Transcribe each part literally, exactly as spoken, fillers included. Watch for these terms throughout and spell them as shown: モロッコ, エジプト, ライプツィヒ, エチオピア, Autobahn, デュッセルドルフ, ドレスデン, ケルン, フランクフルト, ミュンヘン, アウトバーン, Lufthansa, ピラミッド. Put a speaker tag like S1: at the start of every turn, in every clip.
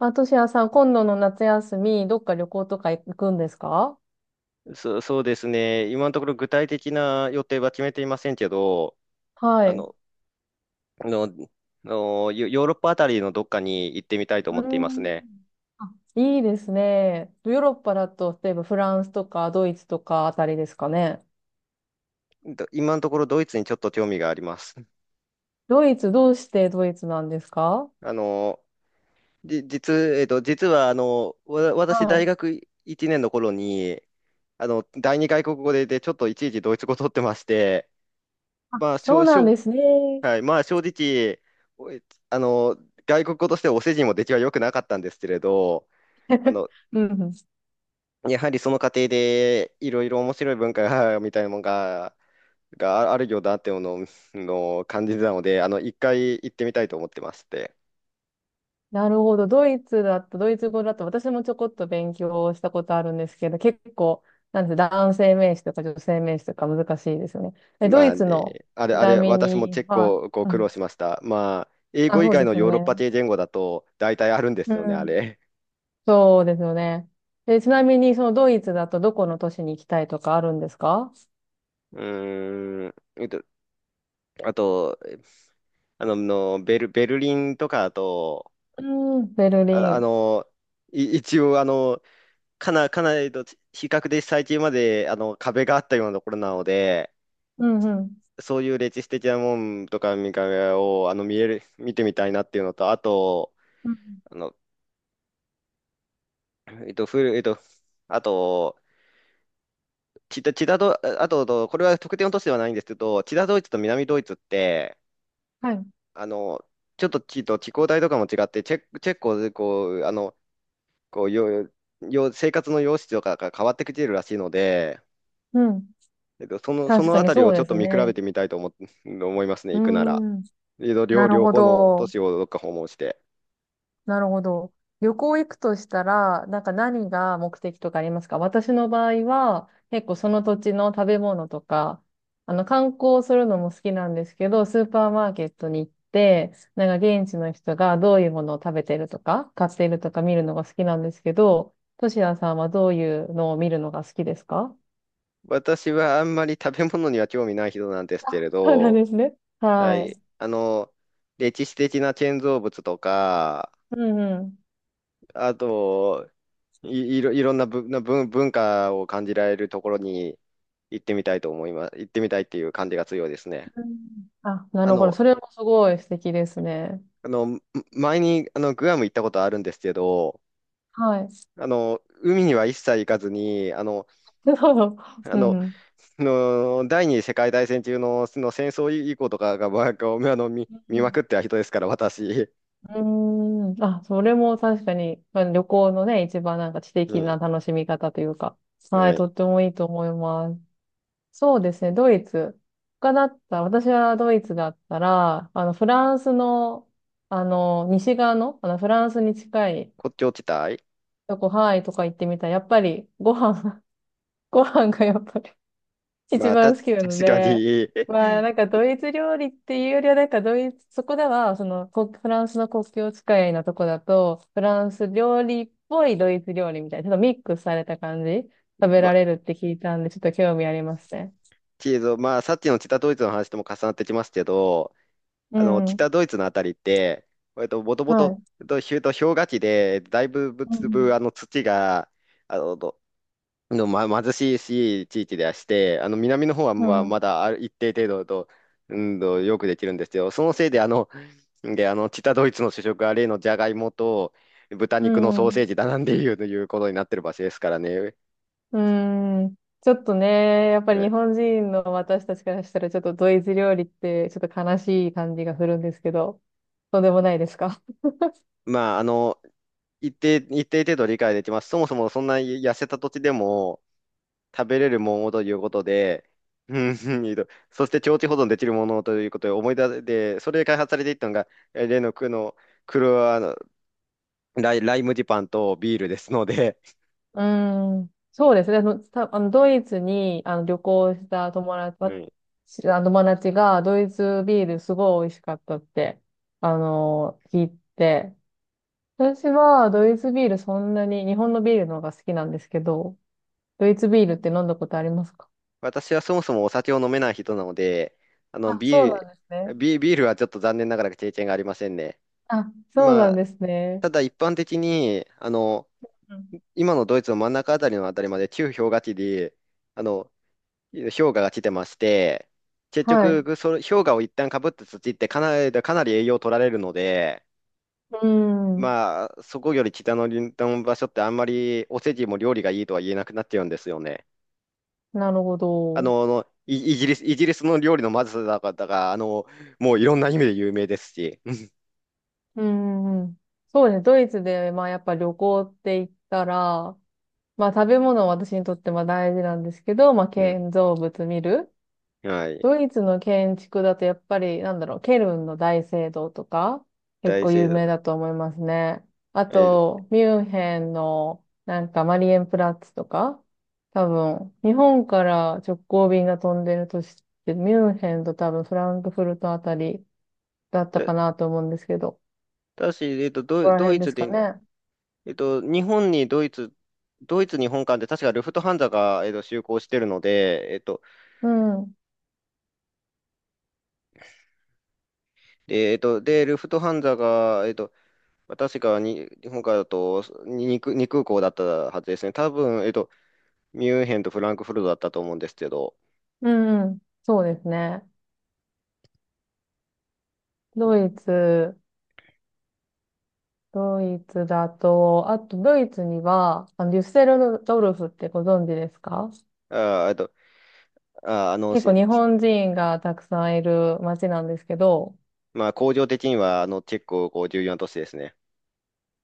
S1: あ、としやさん、今度の夏休み、どっか旅行とか行くんですか？
S2: そ、そうですね。今のところ具体的な予定は決めていませんけど、
S1: は
S2: あ
S1: い。
S2: の、の、のヨヨーロッパあたりのどっかに行ってみたいと
S1: う
S2: 思っています
S1: ん。
S2: ね。
S1: いいですね。ヨーロッパだと、例えばフランスとかドイツとかあたりですかね。
S2: ど今のところドイツにちょっと興味があります。
S1: ドイツ、どうしてドイツなんですか？
S2: あの、じ、実、えっと、実はあの、わ、私
S1: は
S2: 大
S1: い。
S2: 学いちねんの頃に、あの、第二外国語で、で、ちょっといちいちドイツ語取ってまして、
S1: あ、
S2: まあ、し
S1: そう
S2: ょ、し
S1: なん
S2: ょ、
S1: ですね。
S2: はい、まあ、正直、おえあの、外国語としてお世辞も出来は良くなかったんですけれど、あ の、
S1: うんうん。
S2: やはりその過程でいろいろ面白い文化が みたいなものが、があるようだっていうのをの感じてたので、あの、一回行ってみたいと思ってまして。
S1: なるほど。ドイツだと、ドイツ語だと、私もちょこっと勉強したことあるんですけど、結構、なんて男性名詞とか女性名詞とか難しいですよね。え、ド
S2: ま
S1: イ
S2: あ、
S1: ツの、
S2: で、あれ、
S1: ち
S2: あ
S1: な
S2: れ、
S1: み
S2: 私もチェ
S1: に、
S2: ック
S1: は
S2: をこう
S1: い。う
S2: 苦
S1: ん。
S2: 労しました。まあ、英
S1: あ、
S2: 語以
S1: そう
S2: 外
S1: で
S2: の
S1: すよ
S2: ヨーロッパ
S1: ね。
S2: 系言語だと大体あるんで
S1: う
S2: すよね、あ
S1: ん。
S2: れ。
S1: そうですよね。で、ちなみに、そのドイツだとどこの都市に行きたいとかあるんですか？
S2: うーん、えっとあと、あの、のベル、ベルリンとかだと、
S1: うん、ベルリ
S2: あ、あ
S1: ン。
S2: の、い一応、あの、かな、かなりと比較で最近まであの壁があったようなところなので、
S1: うんうん。
S2: そういう歴史的なもんとか見かけを、あの、見える、見てみたいなっていうのと、あと、
S1: うん。
S2: あの、えっと、古い、えっと、あと、チダ、チダド、あと、これは特定の都市ではないんですけど、チダドイツと南ドイツって、
S1: はい。
S2: あの、ちょっと地と気候帯とかも違って、チェ、チェコ、こう、あの、こう、よ、よ、生活の様式とかが変わってきているらしいので、
S1: うん。
S2: えっと、その、そ
S1: 確
S2: の
S1: か
S2: あ
S1: に
S2: たり
S1: そ
S2: を
S1: う
S2: ちょ
S1: で
S2: っと
S1: す
S2: 見比べ
S1: ね。
S2: てみたいと思っ、思いますね、
S1: う
S2: 行くなら。
S1: ん。
S2: えっと
S1: な
S2: 両、
S1: る
S2: 両
S1: ほ
S2: 方の都
S1: ど。
S2: 市をどっか訪問して。
S1: なるほど。旅行行くとしたら、なんか何が目的とかありますか？私の場合は、結構その土地の食べ物とか、あの、観光するのも好きなんですけど、スーパーマーケットに行って、なんか現地の人がどういうものを食べてるとか、買っているとか見るのが好きなんですけど、としやさんはどういうのを見るのが好きですか？
S2: 私はあんまり食べ物には興味ない人なんですけれ
S1: そうなん
S2: ど、
S1: ですね。
S2: は
S1: は
S2: い。
S1: い。
S2: あの、歴史的な建造物とか、
S1: うんうん。
S2: あと、い、いろ、いろんなぶな文、文化を感じられるところに行ってみたいと思います。行ってみたいっていう感じが強いですね。
S1: うん。あ、な
S2: あ
S1: るほど。
S2: の、
S1: それもすごい素敵ですね。
S2: あの、ん前に、あの、グアム行ったことあるんですけど、
S1: はい。
S2: あの、海には一切行かずに、あの、
S1: そう。
S2: あ
S1: うん
S2: の、
S1: うん。
S2: の第二次世界大戦中の、その戦争以降とかが、まあ、こうあの見、
S1: う
S2: 見まく
S1: ん。
S2: ってた人ですから、私。
S1: うーん。あ、それも確かに、まあ、旅行のね、一番なんか知
S2: う
S1: 的な
S2: ん。
S1: 楽しみ方というか、は
S2: は
S1: い、と
S2: い。
S1: ってもいいと思います。そうですね、ドイツ。他だったら、私はドイツだったら、あの、フランスの、あの、西側の、あの、フランスに近い
S2: 骨頂地帯。
S1: とこ、ハワイとか行ってみたら、やっぱりご飯、ご飯がやっぱり一
S2: まあ、た、
S1: 番好きなの
S2: 確か
S1: で、
S2: に。
S1: まあなんかドイツ料理っていうよりはなんかドイツ、そこではそのこフランスの国境近いのとこだと、フランス料理っぽいドイツ料理みたいな、ちょっとミックスされた感じ、食べ
S2: ま
S1: ら
S2: あ、
S1: れるって聞いたんで、ちょっと興味ありますね。
S2: けど、まあ、さっきの北ドイツの話とも重なってきますけど、
S1: う
S2: あの、
S1: ん。
S2: 北ドイツのあたりって、えっと、もとも
S1: は
S2: と、
S1: い。
S2: と、ひゅと氷河期で、だいぶ、ぶ
S1: う
S2: つぶ、
S1: ん。
S2: あの、土が、あの、どの、ま、貧しいし地域ではして、あの南の方は
S1: う
S2: まあ
S1: ん。
S2: まだある一定程度と、うんと、よくできるんですよ。そのせいで、あの、で、あの、北ドイツの主食は例のジャガイモと豚
S1: う
S2: 肉のソーセ
S1: ん。
S2: ージだなんていうということになってる場所ですからね。
S1: うん。ちょっとね、やっぱ
S2: は
S1: り日
S2: い。
S1: 本人の私たちからしたらちょっとドイツ料理ってちょっと悲しい感じがするんですけど、とんでもないですか？
S2: まあ、あの、一定、一定程度理解できます。そもそもそんな痩せた土地でも食べれるものということで、うんうん、いいと、そして長期保存できるものということで思い出で、それで開発されていったのが、え例の、くの、クロアライ、ライ麦パンとビールですので、
S1: うーん、そうですね。あの、た、あの、ドイツに、あの、旅行した友達、
S2: う
S1: わ
S2: ん、
S1: しあの友達が、ドイツビールすごい美味しかったって、あの、聞いて、私はドイツビールそんなに、日本のビールの方が好きなんですけど、ドイツビールって飲んだことありますか？
S2: 私はそもそもお酒を飲めない人なので、あの、
S1: あ、そう
S2: ビー
S1: なんです
S2: ル、
S1: ね。
S2: ビ、ビールはちょっと残念ながら経験がありませんね。
S1: あ、そう
S2: ま
S1: なん
S2: あ、
S1: ですね。
S2: ただ一般的に、あの、
S1: うん。
S2: 今のドイツの真ん中あたりのあたりまで旧氷河期で、あの、氷河が来てまして、結
S1: はい。う
S2: 局、それ氷河を一旦かぶった土ってかなり、かなり栄養を取られるので、
S1: ーん、
S2: まあ、そこより北の林道の場所ってあんまりお世辞も料理がいいとは言えなくなっちゃうんですよね。
S1: なるほ
S2: あ
S1: ど。う
S2: の、イイギリス、イギリスの料理のまずさだから、あの、もういろんな意味で有名ですし。
S1: んうんうん、そうですね。ドイツで、まあ、やっぱ旅行って言ったら、まあ食べ物は私にとってまあ大事なんですけど、まあ
S2: うん。
S1: 建造物見る。
S2: はい。
S1: ドイツの建築だとやっぱりなんだろう、ケルンの大聖堂とか結
S2: 大
S1: 構
S2: 聖
S1: 有名
S2: 堂。
S1: だと思いますね。あ
S2: えー、
S1: と、ミュンヘンのなんかマリエンプラッツとか、多分日本から直行便が飛んでるとして、ミュンヘンと多分フランクフルトあたりだった
S2: だ、
S1: かなと思うんですけど、こ
S2: だし、えっと、
S1: こ
S2: ド、
S1: ら
S2: ド
S1: 辺
S2: イ
S1: で
S2: ツ
S1: すか
S2: で、
S1: ね。
S2: えっと、日本にドイツ、ドイツ日本間で確かルフトハンザが、えっと、就航してるので、えっと、
S1: うん。
S2: で、えっと、で、ルフトハンザが、えっと、確かに日本からだとにに、に空港だったはずですね。多分、えっと、ミュンヘンとフランクフルトだったと思うんですけど、
S1: うんうん。そうですね。ドイツ。ドイツだと、あとドイツには、あのデュッセルドルフってご存知ですか？
S2: あー、えっと、あー、あの、
S1: 結
S2: し
S1: 構日本人がたくさんいる街なんですけど、
S2: まあ、工場的には、あの、結構、こう、重要な都市ですね。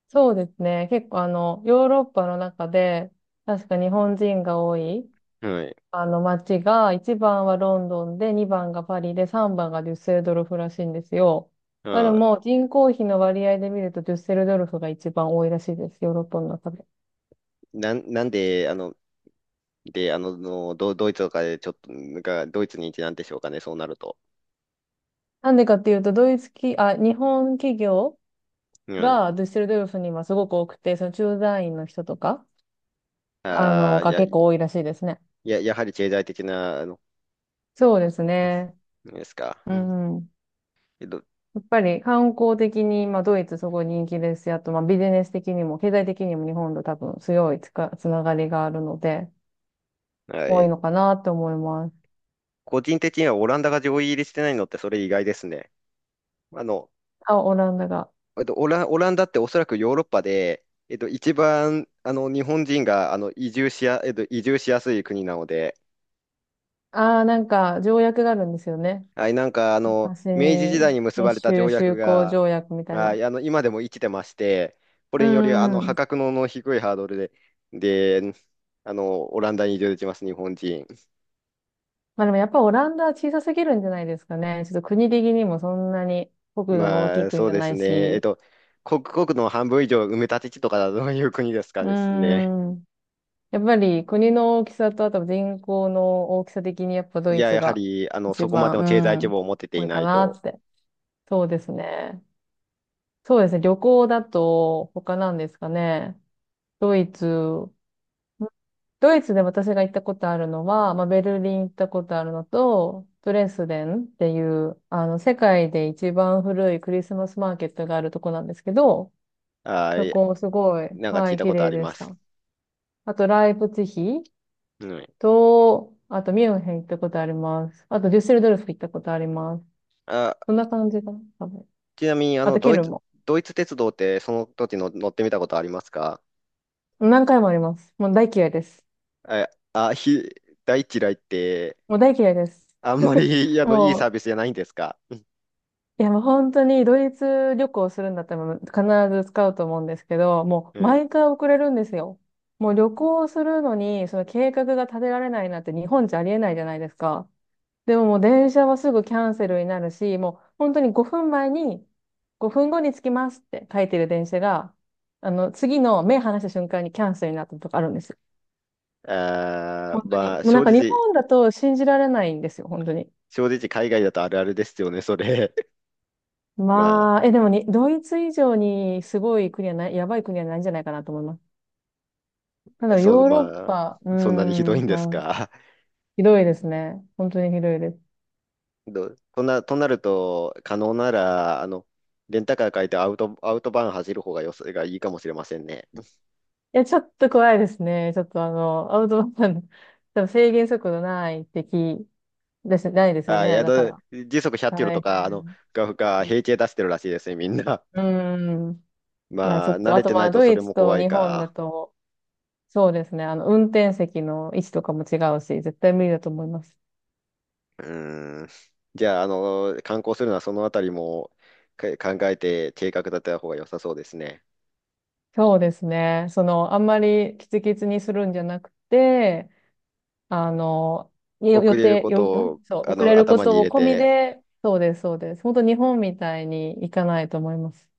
S1: そうですね。結構あの、ヨーロッパの中で、確か日本人が多い、
S2: はい。
S1: あの街が、いちばんはロンドンで、にばんがパリで、さんばんがデュッセルドルフらしいんですよ。
S2: ま
S1: まあで
S2: あ、
S1: も、人口比の割合で見ると、デュッセルドルフが一番多いらしいです。ヨーロッパの中で。
S2: なん、なんで、あの、で、あの、のド、ドイツとかで、ちょっと、が、ドイツに一なんでしょうかね、そうなると。
S1: なんでかっていうと、ドイツ企、あ、日本企業、
S2: はい。
S1: が、ドゥッセルドルフにはすごく多くて、その駐在員の人とか、あ
S2: あ
S1: の、
S2: あ、
S1: が
S2: や、
S1: 結構多いらしいですね。
S2: や、やはり経済的な、あの、
S1: そうですね。
S2: ですか。
S1: う
S2: うん。
S1: んうん。
S2: けど、
S1: やっぱり観光的に、まあ、ドイツすごい人気ですし、あと、まあ、ビジネス的にも、経済的にも日本と多分強いつか、つながりがあるので、
S2: は
S1: 多い
S2: い。
S1: のかなと思います。
S2: 個人的にはオランダが上位入りしてないのって、それ意外ですね。あの、
S1: あ、オランダが。
S2: えっと、オラ、オランダっておそらくヨーロッパで、えっと、一番、あの、日本人が、あの、移住しや、えっと、移住しやすい国なので、
S1: ああ、なんか、条約があるんですよね。
S2: はい、なんかあの
S1: 私
S2: 明治時
S1: に、
S2: 代に結ばれ
S1: 日
S2: た
S1: 中
S2: 条約
S1: 修好
S2: が、
S1: 条約みたい
S2: は
S1: な。
S2: い、あの今でも生きてまして、こ
S1: う
S2: れによりあ
S1: ん
S2: の
S1: う
S2: 破
S1: ん。
S2: 格の低いハードルで、であのオランダに移住できます、日本人。
S1: まあでもやっぱオランダは小さすぎるんじゃないですかね。ちょっと国的にもそんなに国土の大き
S2: ま
S1: い
S2: あ
S1: 国
S2: そう
S1: じゃ
S2: で
S1: な
S2: す
S1: い
S2: ね、えっ
S1: し。
S2: と、国国の半分以上埋め立て地とかだとどういう国ですか
S1: うー
S2: ですね。
S1: ん。やっぱり国の大きさとあと人口の大きさ的にやっぱド
S2: い
S1: イ
S2: や、
S1: ツ
S2: やは
S1: が
S2: りあの
S1: 一
S2: そこまで
S1: 番、
S2: の経済
S1: う
S2: 規
S1: ん、
S2: 模を持てて
S1: 多
S2: い
S1: い
S2: な
S1: か
S2: い
S1: な
S2: と、
S1: って。そうですね。そうですね。旅行だと他なんですかね。ドイツ。ドイツで私が行ったことあるのは、まあ、ベルリン行ったことあるのと、ドレスデンっていう、あの、世界で一番古いクリスマスマーケットがあるとこなんですけど、
S2: は
S1: そ
S2: い、
S1: こもすごい、
S2: なんか
S1: は
S2: 聞い
S1: い、
S2: た
S1: 綺
S2: ことあ
S1: 麗
S2: り
S1: で
S2: ま
S1: し
S2: す。
S1: た。あと、ライプツィヒ
S2: うん、
S1: と、あと、ミュンヘン行ったことあります。あと、デュッセルドルフ行ったことあります。
S2: あ、
S1: そんな感じかな、多分。
S2: ちなみにあ
S1: あ
S2: の
S1: と、
S2: ド
S1: ケ
S2: イ
S1: ルン
S2: ツ、
S1: も。
S2: ドイツ鉄道ってその時の乗ってみたことありますか？
S1: 何回もあります。もう大嫌いです。
S2: え、あ、ひ、大嫌いって、
S1: もう大嫌いです。
S2: あんまり、あの、いい
S1: も
S2: サ
S1: う
S2: ービスじゃないんですか？
S1: いや、もう本当にドイツ旅行するんだったら必ず使うと思うんですけど、も
S2: う
S1: う
S2: ん。
S1: 毎回遅れるんですよ。もう旅行するのに、その計画が立てられないなんて日本じゃありえないじゃないですか。でももう電車はすぐキャンセルになるし、もう本当にごふんまえに、ごふんごに着きますって書いてる電車が、あの、次の目離した瞬間にキャンセルになったとかあるんですよ。
S2: あ
S1: 本
S2: ー、
S1: 当に。
S2: まあ、
S1: もうな
S2: 正
S1: んか日
S2: 直、
S1: 本だと信じられないんですよ、本当に。
S2: 正直、海外だとあるあるですよね、それ。ま
S1: まあ、え、でもに、ドイツ以上にすごい国はない、やばい国はないんじゃないかなと思います。なん
S2: あ、
S1: だろう、
S2: そう、
S1: ヨーロッ
S2: ま
S1: パ、うー
S2: あ、そんなにひどい
S1: ん、
S2: んです
S1: まあ、
S2: か。
S1: ひどいですね。本当にひどいです。い
S2: ど、とな、となると、可能なら、あの、レンタカー借りてアウト、アウトバーン走る方がよす、がいいかもしれませんね。
S1: や、ちょっと怖いですね。ちょっとあの、アウトバーン、多分制限速度ないってき、です、ないですよ
S2: あー、い
S1: ね。
S2: や、
S1: だか
S2: ど
S1: ら、
S2: 時速ひゃくキロと
S1: 大
S2: か、あの、
S1: 変。
S2: が、が、平気で出してるらしいですね、みんな。
S1: うーん。いや、ちょ
S2: まあ、
S1: っ
S2: 慣
S1: と、あ
S2: れ
S1: と
S2: て
S1: ま
S2: ない
S1: あ、
S2: と
S1: ド
S2: そ
S1: イ
S2: れ
S1: ツ
S2: も
S1: と
S2: 怖い
S1: 日本だ
S2: か。
S1: と、そうですね。あの、運転席の位置とかも違うし、絶対無理だと思います。
S2: うーん。じゃあ、あの、観光するのはそのあたりもか考えて計画立てた方が良さそうですね。
S1: そうですね。その、あんまりキツキツにするんじゃなくて、あの、よ
S2: 遅
S1: 予
S2: れる
S1: 定、
S2: こ
S1: よ、
S2: とを、
S1: んそう、
S2: あ
S1: 遅れ
S2: の、
S1: るこ
S2: 頭に
S1: と
S2: 入
S1: を
S2: れ
S1: 込み
S2: て、
S1: で、そうです、そうです。本当日本みたいに行かないと思います。